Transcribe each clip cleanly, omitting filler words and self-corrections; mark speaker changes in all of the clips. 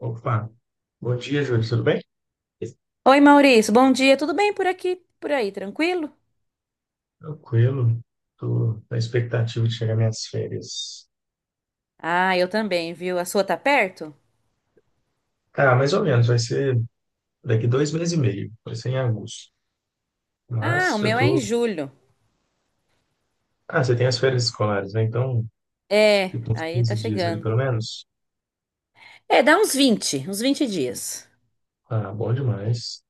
Speaker 1: Opa, bom dia, Júlio, tudo bem?
Speaker 2: Oi, Maurício, bom dia. Tudo bem por aqui? Por aí, tranquilo?
Speaker 1: Tranquilo, tô na expectativa de chegar minhas férias.
Speaker 2: Ah, eu também, viu? A sua tá perto?
Speaker 1: Cara, mais ou menos, vai ser daqui dois meses e meio, vai ser em agosto.
Speaker 2: Ah,
Speaker 1: Mas
Speaker 2: o
Speaker 1: já
Speaker 2: meu é em
Speaker 1: tô.
Speaker 2: julho.
Speaker 1: Ah, você tem as férias escolares, né? Então,
Speaker 2: É,
Speaker 1: fica uns
Speaker 2: aí tá
Speaker 1: 15 dias ali
Speaker 2: chegando.
Speaker 1: pelo menos.
Speaker 2: É, dá uns vinte dias.
Speaker 1: Ah, bom demais.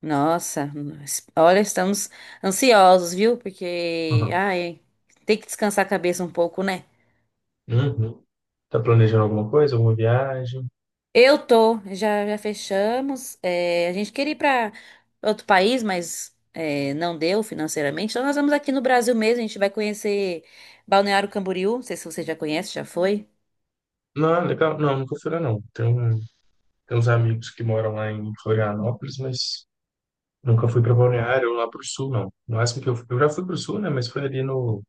Speaker 2: Nossa, olha, estamos ansiosos, viu? Porque,
Speaker 1: Uhum.
Speaker 2: ai, tem que descansar a cabeça um pouco, né?
Speaker 1: Uhum. Tá planejando alguma coisa, alguma viagem?
Speaker 2: Eu tô, já fechamos. É, a gente queria ir para outro país, mas é, não deu financeiramente. Então nós vamos aqui no Brasil mesmo, a gente vai conhecer Balneário Camboriú. Não sei se você já conhece, já foi.
Speaker 1: Não, legal, não, nunca fui lá não. Tem uns amigos que moram lá em Florianópolis, mas nunca fui para Balneário ou lá para o sul, não. No máximo que eu fui, eu já fui para o sul, né? Mas foi ali no,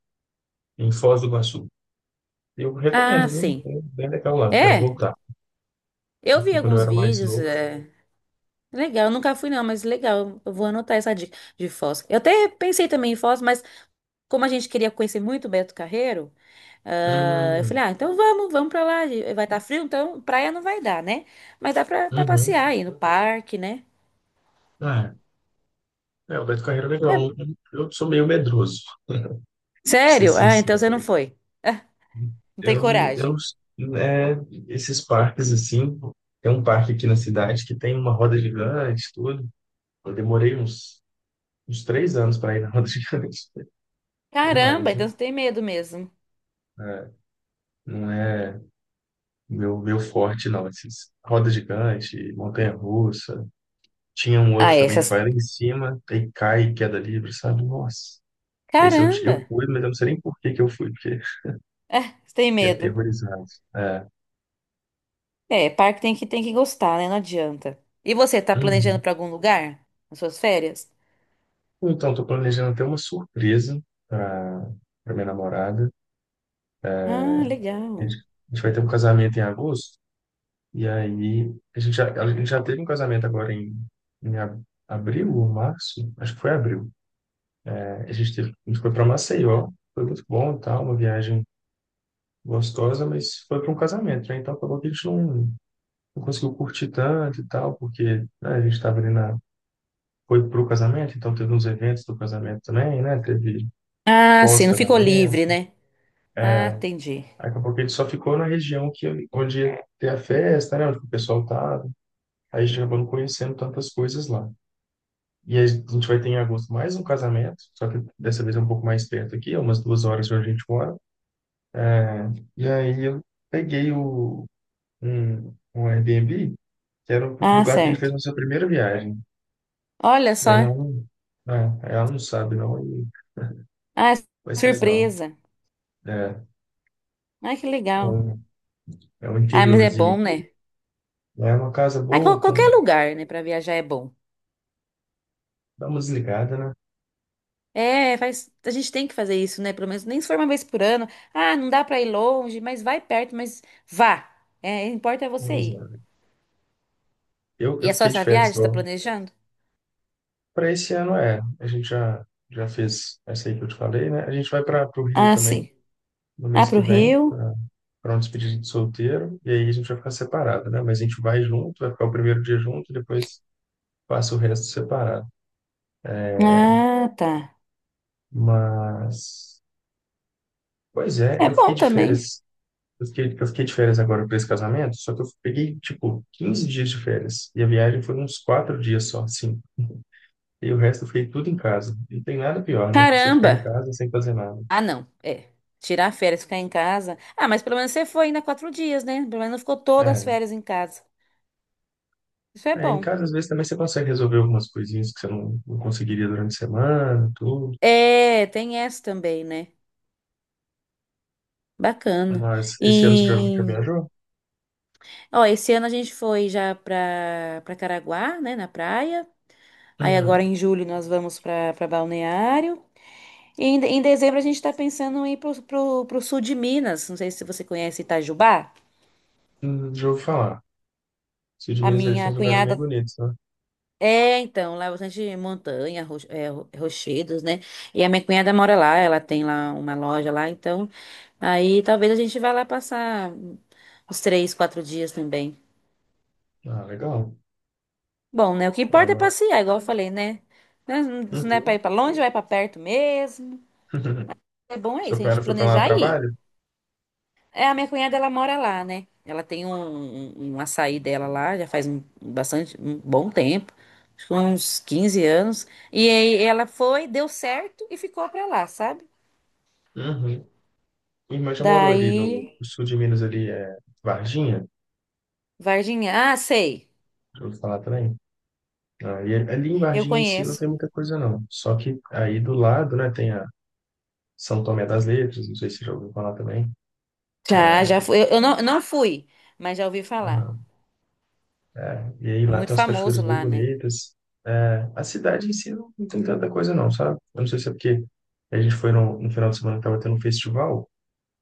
Speaker 1: em Foz do Iguaçu. Eu
Speaker 2: Ah,
Speaker 1: recomendo, viu?
Speaker 2: sim.
Speaker 1: É bem legal lá, quero
Speaker 2: É,
Speaker 1: voltar. Eu
Speaker 2: eu vi
Speaker 1: fui quando eu
Speaker 2: alguns
Speaker 1: era mais
Speaker 2: vídeos.
Speaker 1: novo.
Speaker 2: É, legal, eu nunca fui não, mas legal. Eu vou anotar essa dica de Foz. Eu até pensei também em Foz, mas como a gente queria conhecer muito Beto Carreiro, ah, eu
Speaker 1: Hum,
Speaker 2: falei, ah, então vamos, vamos pra lá. Vai estar frio, então praia não vai dar, né? Mas dá pra passear
Speaker 1: uhum.
Speaker 2: aí no parque, né?
Speaker 1: Ah, é, o Beto Carreiro é
Speaker 2: É,
Speaker 1: legal. Eu sou meio medroso, pra ser
Speaker 2: sério? Ah, então
Speaker 1: sincero.
Speaker 2: você não foi. Ah, não tem
Speaker 1: Eu, eu,
Speaker 2: coragem.
Speaker 1: né, esses parques assim, tem um parque aqui na cidade que tem uma roda gigante, tudo. Eu demorei uns, uns 3 anos para ir na roda gigante, até
Speaker 2: Caramba,
Speaker 1: mais,
Speaker 2: então
Speaker 1: viu?
Speaker 2: você tem medo mesmo.
Speaker 1: É, não é. Meu forte não, esses roda gigante, montanha-russa. Tinha um
Speaker 2: Ah,
Speaker 1: outro
Speaker 2: é,
Speaker 1: também que
Speaker 2: essas.
Speaker 1: vai lá em cima e cai, e queda livre, sabe? Nossa. Esse
Speaker 2: Caramba!
Speaker 1: eu fui, mas eu não sei nem por que que eu fui, porque
Speaker 2: É, você tem
Speaker 1: fiquei
Speaker 2: medo.
Speaker 1: aterrorizado. É.
Speaker 2: É, parque tem que gostar, né? Não adianta. E você, tá planejando
Speaker 1: Uhum.
Speaker 2: pra algum lugar? Nas suas férias?
Speaker 1: Então, estou planejando até uma surpresa para para minha namorada.
Speaker 2: Ah,
Speaker 1: A gente,
Speaker 2: legal.
Speaker 1: a gente vai ter um casamento em agosto, e aí a gente já teve um casamento agora em abril ou março? Acho que foi abril. A gente foi para Maceió, foi muito bom e tal, uma viagem gostosa, mas foi para um casamento, né? Então acabou que a gente não, não conseguiu curtir tanto e tal, porque né, a gente estava ali na. Foi pro casamento, então teve uns eventos do casamento também, né? Teve
Speaker 2: Ah, sim, não ficou
Speaker 1: pós-casamento.
Speaker 2: livre, né? Ah, entendi.
Speaker 1: Aí acabou que a gente só ficou na região que, onde ia ter a festa, né? Onde o pessoal tava. Aí a gente acabou não conhecendo tantas coisas lá. E aí a gente vai ter em agosto mais um casamento, só que dessa vez é um pouco mais perto aqui, é umas 2 horas de onde a gente mora. É, e aí eu peguei um Airbnb que era o
Speaker 2: Ah,
Speaker 1: lugar que a gente fez
Speaker 2: certo.
Speaker 1: nossa primeira viagem.
Speaker 2: Olha
Speaker 1: E aí
Speaker 2: só.
Speaker 1: ela não, né, aí ela não sabe, não, e
Speaker 2: Ah,
Speaker 1: vai ser legal.
Speaker 2: surpresa.
Speaker 1: É,
Speaker 2: Ai, que
Speaker 1: é
Speaker 2: legal.
Speaker 1: um, é um
Speaker 2: Ah, mas é
Speaker 1: interiorzinho
Speaker 2: bom,
Speaker 1: aqui.
Speaker 2: né?
Speaker 1: Né, é uma casa
Speaker 2: Ah,
Speaker 1: boa, com,
Speaker 2: qualquer lugar, né, pra viajar é bom.
Speaker 1: dá uma desligada, né?
Speaker 2: É, a gente tem que fazer isso, né? Pelo menos nem se for uma vez por ano. Ah, não dá pra ir longe, mas vai perto, mas vá. É, importa é
Speaker 1: Uma
Speaker 2: você ir.
Speaker 1: desligada.
Speaker 2: E
Speaker 1: Eu
Speaker 2: é só
Speaker 1: fiquei de
Speaker 2: essa
Speaker 1: férias
Speaker 2: viagem que você tá
Speaker 1: igual.
Speaker 2: planejando?
Speaker 1: Para esse ano é. Já fez essa aí que eu te falei, né? A gente vai para o Rio
Speaker 2: Ah,
Speaker 1: também,
Speaker 2: sim.
Speaker 1: no
Speaker 2: Ah,
Speaker 1: mês
Speaker 2: pro
Speaker 1: que vem,
Speaker 2: Rio?
Speaker 1: para um despedida de solteiro. E aí a gente vai ficar separado, né? Mas a gente vai junto, vai ficar o primeiro dia junto, depois passa o resto separado.
Speaker 2: Ah, tá.
Speaker 1: Mas. Pois é,
Speaker 2: É
Speaker 1: eu fiquei
Speaker 2: bom
Speaker 1: de
Speaker 2: também.
Speaker 1: férias. Eu fiquei de férias agora para esse casamento, só que eu peguei, tipo, 15 dias de férias. E a viagem foi uns 4 dias só, assim. E o resto eu fiquei tudo em casa. Não tem nada pior, né? Você ficar em
Speaker 2: Caramba!
Speaker 1: casa sem fazer nada.
Speaker 2: Ah, não. É. Tirar férias, ficar em casa. Ah, mas pelo menos você foi ainda 4 dias, né? Pelo menos não ficou todas as
Speaker 1: É,
Speaker 2: férias em casa. Isso é
Speaker 1: é, em
Speaker 2: bom.
Speaker 1: casa às vezes também você consegue resolver algumas coisinhas que você não, não conseguiria durante a semana, tudo.
Speaker 2: É, tem essa também, né? Bacana.
Speaker 1: Mas esse ano você já, já
Speaker 2: E,
Speaker 1: viajou?
Speaker 2: ó, esse ano a gente foi já para Caraguá, né, na praia. Aí agora
Speaker 1: Uhum.
Speaker 2: em julho nós vamos para Balneário. E em dezembro a gente está pensando em ir pro sul de Minas. Não sei se você conhece Itajubá.
Speaker 1: Já ouvi falar. Sul de
Speaker 2: A
Speaker 1: Minas, eles têm
Speaker 2: minha
Speaker 1: uns lugares bem
Speaker 2: cunhada
Speaker 1: bonitos, né?
Speaker 2: é, então, lá é bastante montanha, rochedos, né? E a minha cunhada mora lá, ela tem lá uma loja lá, então aí talvez a gente vá lá passar uns 3, 4 dias também.
Speaker 1: Ah, legal.
Speaker 2: Bom, né? O que importa é
Speaker 1: Ela...
Speaker 2: passear, igual eu falei, né? Né, se não é pra
Speaker 1: Uhum.
Speaker 2: ir pra longe, vai pra perto mesmo. É bom é
Speaker 1: Seu
Speaker 2: isso, a
Speaker 1: pai
Speaker 2: gente
Speaker 1: foi para lá no
Speaker 2: planejar e ir.
Speaker 1: trabalho?
Speaker 2: É, a minha cunhada, ela mora lá, né? Ela tem um açaí dela lá, já faz um, bastante, um bom tempo, acho que uns 15 anos. E aí ela foi, deu certo e ficou pra lá, sabe?
Speaker 1: Uhum. Minha irmã já morou ali
Speaker 2: Daí,
Speaker 1: no sul de Minas, ali é Varginha,
Speaker 2: Varginha. Ah, sei,
Speaker 1: já ouvi falar também. Aí, ali em
Speaker 2: eu
Speaker 1: Varginha em si não
Speaker 2: conheço.
Speaker 1: tem muita coisa não. Só que aí do lado, né, tem a São Tomé das Letras, não sei se você já ouviu falar também.
Speaker 2: Já fui. Eu não fui, mas já ouvi falar.
Speaker 1: Aham. E aí
Speaker 2: É
Speaker 1: lá tem
Speaker 2: muito
Speaker 1: umas
Speaker 2: famoso
Speaker 1: cachoeiras bem
Speaker 2: lá, né?
Speaker 1: bonitas. É, a cidade em si não tem tanta coisa não, sabe? Eu não sei se é porque a gente foi no final de semana que tava tendo um festival,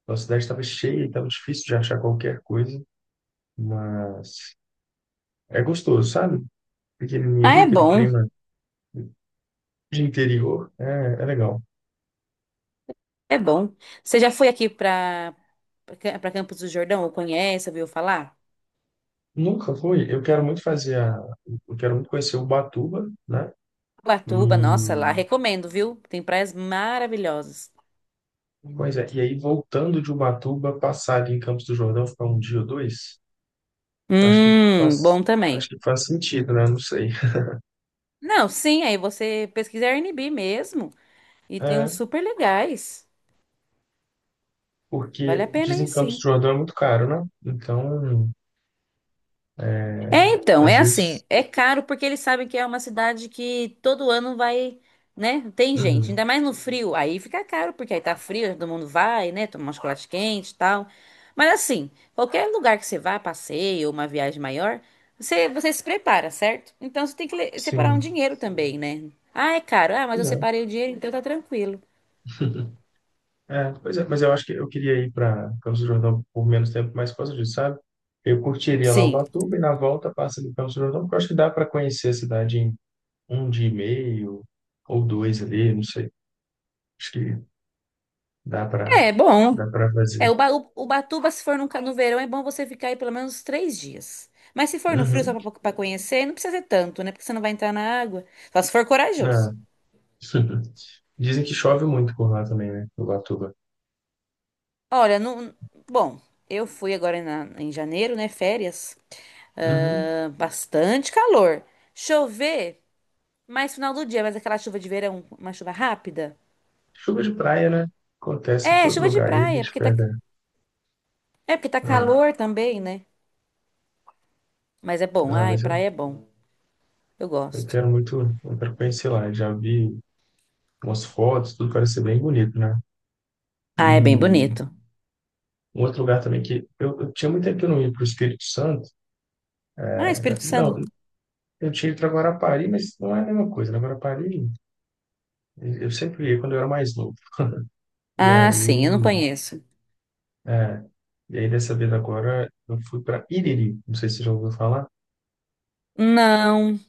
Speaker 1: então a cidade estava cheia e estava difícil de achar qualquer coisa, mas é gostoso, sabe? Pequenininha
Speaker 2: Ah,
Speaker 1: ali,
Speaker 2: é
Speaker 1: aquele
Speaker 2: bom.
Speaker 1: clima de interior é, é legal.
Speaker 2: É bom. Você já foi aqui para Campos do Jordão? Ou conhece, ouviu falar?
Speaker 1: Nunca fui. Eu quero muito fazer a. Eu quero muito conhecer Ubatuba, né?
Speaker 2: Ubatuba,
Speaker 1: E,
Speaker 2: nossa, lá recomendo, viu? Tem praias maravilhosas.
Speaker 1: pois é, e aí voltando de Ubatuba, passar ali em Campos do Jordão, ficar um dia ou dois, acho que faz,
Speaker 2: Bom
Speaker 1: acho
Speaker 2: também.
Speaker 1: que faz sentido, né? Não sei.
Speaker 2: Não, sim, aí você pesquisa Airbnb mesmo e tem uns
Speaker 1: É,
Speaker 2: super legais. Vale
Speaker 1: porque
Speaker 2: a pena
Speaker 1: dizem
Speaker 2: aí
Speaker 1: que Campos do
Speaker 2: sim.
Speaker 1: Jordão é muito caro, né? Então,
Speaker 2: É,
Speaker 1: é,
Speaker 2: então,
Speaker 1: às
Speaker 2: é assim,
Speaker 1: vezes.
Speaker 2: é caro porque eles sabem que é uma cidade que todo ano vai, né? Tem gente, ainda
Speaker 1: Uhum,
Speaker 2: mais no frio, aí fica caro porque aí tá frio, todo mundo vai, né? Tomar um chocolate quente e tal. Mas assim, qualquer lugar que você vá, passeio, uma viagem maior, você se prepara, certo? Então você tem que separar um
Speaker 1: sim.
Speaker 2: dinheiro também, né? Ah, é caro. Ah, mas eu separei o dinheiro, então tá tranquilo.
Speaker 1: É, pois é, mas eu acho que eu queria ir para Campos do Jordão por menos tempo, mas por causa disso, sabe? Eu curtiria lá
Speaker 2: Sim.
Speaker 1: Ubatuba e na volta passa ali Campos do Jordão, porque eu acho que dá para conhecer a cidade em um dia e meio ou dois ali, não sei. Acho que dá para
Speaker 2: É bom.
Speaker 1: dá para
Speaker 2: É,
Speaker 1: fazer.
Speaker 2: Ubatuba, se for no, verão, é bom você ficar aí pelo menos 3 dias. Mas se for no frio,
Speaker 1: Uhum.
Speaker 2: só pra conhecer, não precisa ser tanto, né? Porque você não vai entrar na água. Só se for corajoso.
Speaker 1: Não. Dizem que chove muito por lá também, né? Ubatuba.
Speaker 2: Olha, não, bom, eu fui agora em janeiro, né? Férias.
Speaker 1: Uhum.
Speaker 2: Ah, bastante calor. Chover mais final do dia, mas aquela chuva de verão, uma chuva rápida.
Speaker 1: Chuva de praia, né? Acontece em
Speaker 2: É,
Speaker 1: todo
Speaker 2: chuva de
Speaker 1: lugar. Aí a
Speaker 2: praia,
Speaker 1: gente
Speaker 2: porque tá,
Speaker 1: pega.
Speaker 2: é porque tá
Speaker 1: Ah,
Speaker 2: calor também, né? Mas é bom.
Speaker 1: ah,
Speaker 2: Ai,
Speaker 1: mas eu,
Speaker 2: praia é bom. Eu
Speaker 1: eu
Speaker 2: gosto.
Speaker 1: quero muito, eu quero conhecer lá. Já vi umas fotos, tudo parece ser bem bonito, né?
Speaker 2: Ah, é bem
Speaker 1: E
Speaker 2: bonito.
Speaker 1: um outro lugar também que eu tinha muito tempo que eu não ia para o Espírito Santo.
Speaker 2: Ah,
Speaker 1: Né?
Speaker 2: Espírito
Speaker 1: Não,
Speaker 2: Santo.
Speaker 1: eu tinha ido para Guarapari, mas não é a mesma coisa. Na Guarapari, eu sempre ia quando eu era mais novo. E
Speaker 2: Ah,
Speaker 1: aí,
Speaker 2: sim, eu não conheço.
Speaker 1: é, e aí dessa vez agora, eu fui para Iriri. Não sei se você já ouviu falar,
Speaker 2: Não,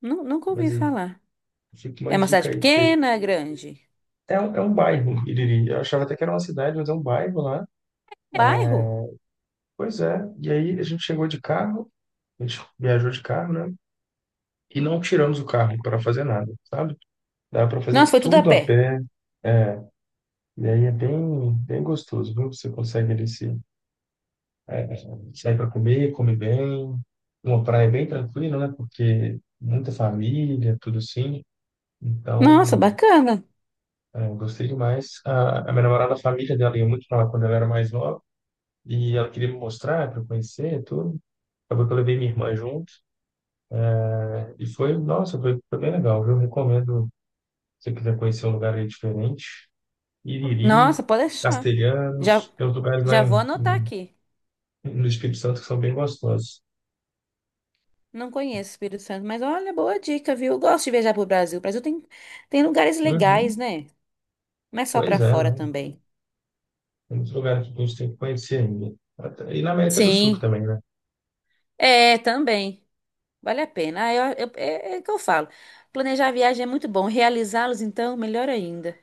Speaker 2: nunca ouvi
Speaker 1: mas aí
Speaker 2: falar.
Speaker 1: fica uma
Speaker 2: É uma
Speaker 1: dica
Speaker 2: cidade
Speaker 1: aí. Porque
Speaker 2: pequena, grande?
Speaker 1: é, é um bairro, Iriri. Eu achava até que era uma cidade, mas é um bairro lá.
Speaker 2: Bairro?
Speaker 1: Pois é. E aí a gente chegou de carro, a gente viajou de carro, né? E não tiramos o carro para fazer nada, sabe? Dá para
Speaker 2: Nossa,
Speaker 1: fazer
Speaker 2: foi tudo a
Speaker 1: tudo a
Speaker 2: pé.
Speaker 1: pé. É, e aí é bem gostoso, viu? Você consegue ali se sair para comer, comer bem. Uma praia bem tranquila, né? Porque muita família, tudo assim.
Speaker 2: Nossa,
Speaker 1: Então,
Speaker 2: bacana.
Speaker 1: é, eu gostei demais. A minha namorada, a família dela ia muito para lá quando ela era mais nova. E ela queria me mostrar para eu conhecer tudo. Acabou que eu levei minha irmã junto. E foi bem legal, viu? Recomendo, se você quiser conhecer um lugar aí diferente. Iriri,
Speaker 2: Nossa, pode deixar. Já,
Speaker 1: Castelhanos, tem uns lugares lá
Speaker 2: já vou anotar aqui.
Speaker 1: no Espírito Santo que são bem gostosos.
Speaker 2: Não conheço Espírito Santo, mas olha, boa dica, viu? Eu gosto de viajar pro Brasil. O Brasil tem lugares legais,
Speaker 1: Uhum.
Speaker 2: né? Não é só
Speaker 1: Pois
Speaker 2: pra
Speaker 1: é,
Speaker 2: fora
Speaker 1: né?
Speaker 2: também.
Speaker 1: Tem muitos lugares que a gente tem que conhecer ainda. Até- E na América do Sul
Speaker 2: Sim,
Speaker 1: também, né?
Speaker 2: é, também. Vale a pena. Ah, é o que eu falo. Planejar a viagem é muito bom. Realizá-los, então, melhor ainda.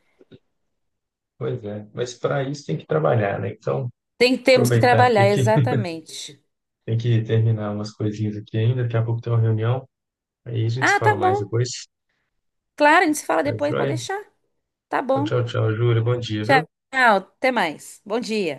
Speaker 1: Pois é. Mas para isso tem que trabalhar, né? Então,
Speaker 2: Temos que
Speaker 1: aproveitar aqui
Speaker 2: trabalhar,
Speaker 1: que
Speaker 2: exatamente.
Speaker 1: tem que terminar umas coisinhas aqui ainda. Daqui a pouco tem uma reunião. Aí a gente se
Speaker 2: Ah,
Speaker 1: fala
Speaker 2: tá
Speaker 1: mais
Speaker 2: bom.
Speaker 1: depois.
Speaker 2: Claro, a gente se fala
Speaker 1: Tá
Speaker 2: depois, pode
Speaker 1: joia?
Speaker 2: deixar. Tá
Speaker 1: Então,
Speaker 2: bom.
Speaker 1: tchau, tchau, Júlia. Bom dia, viu?
Speaker 2: Tchau, até mais. Bom dia.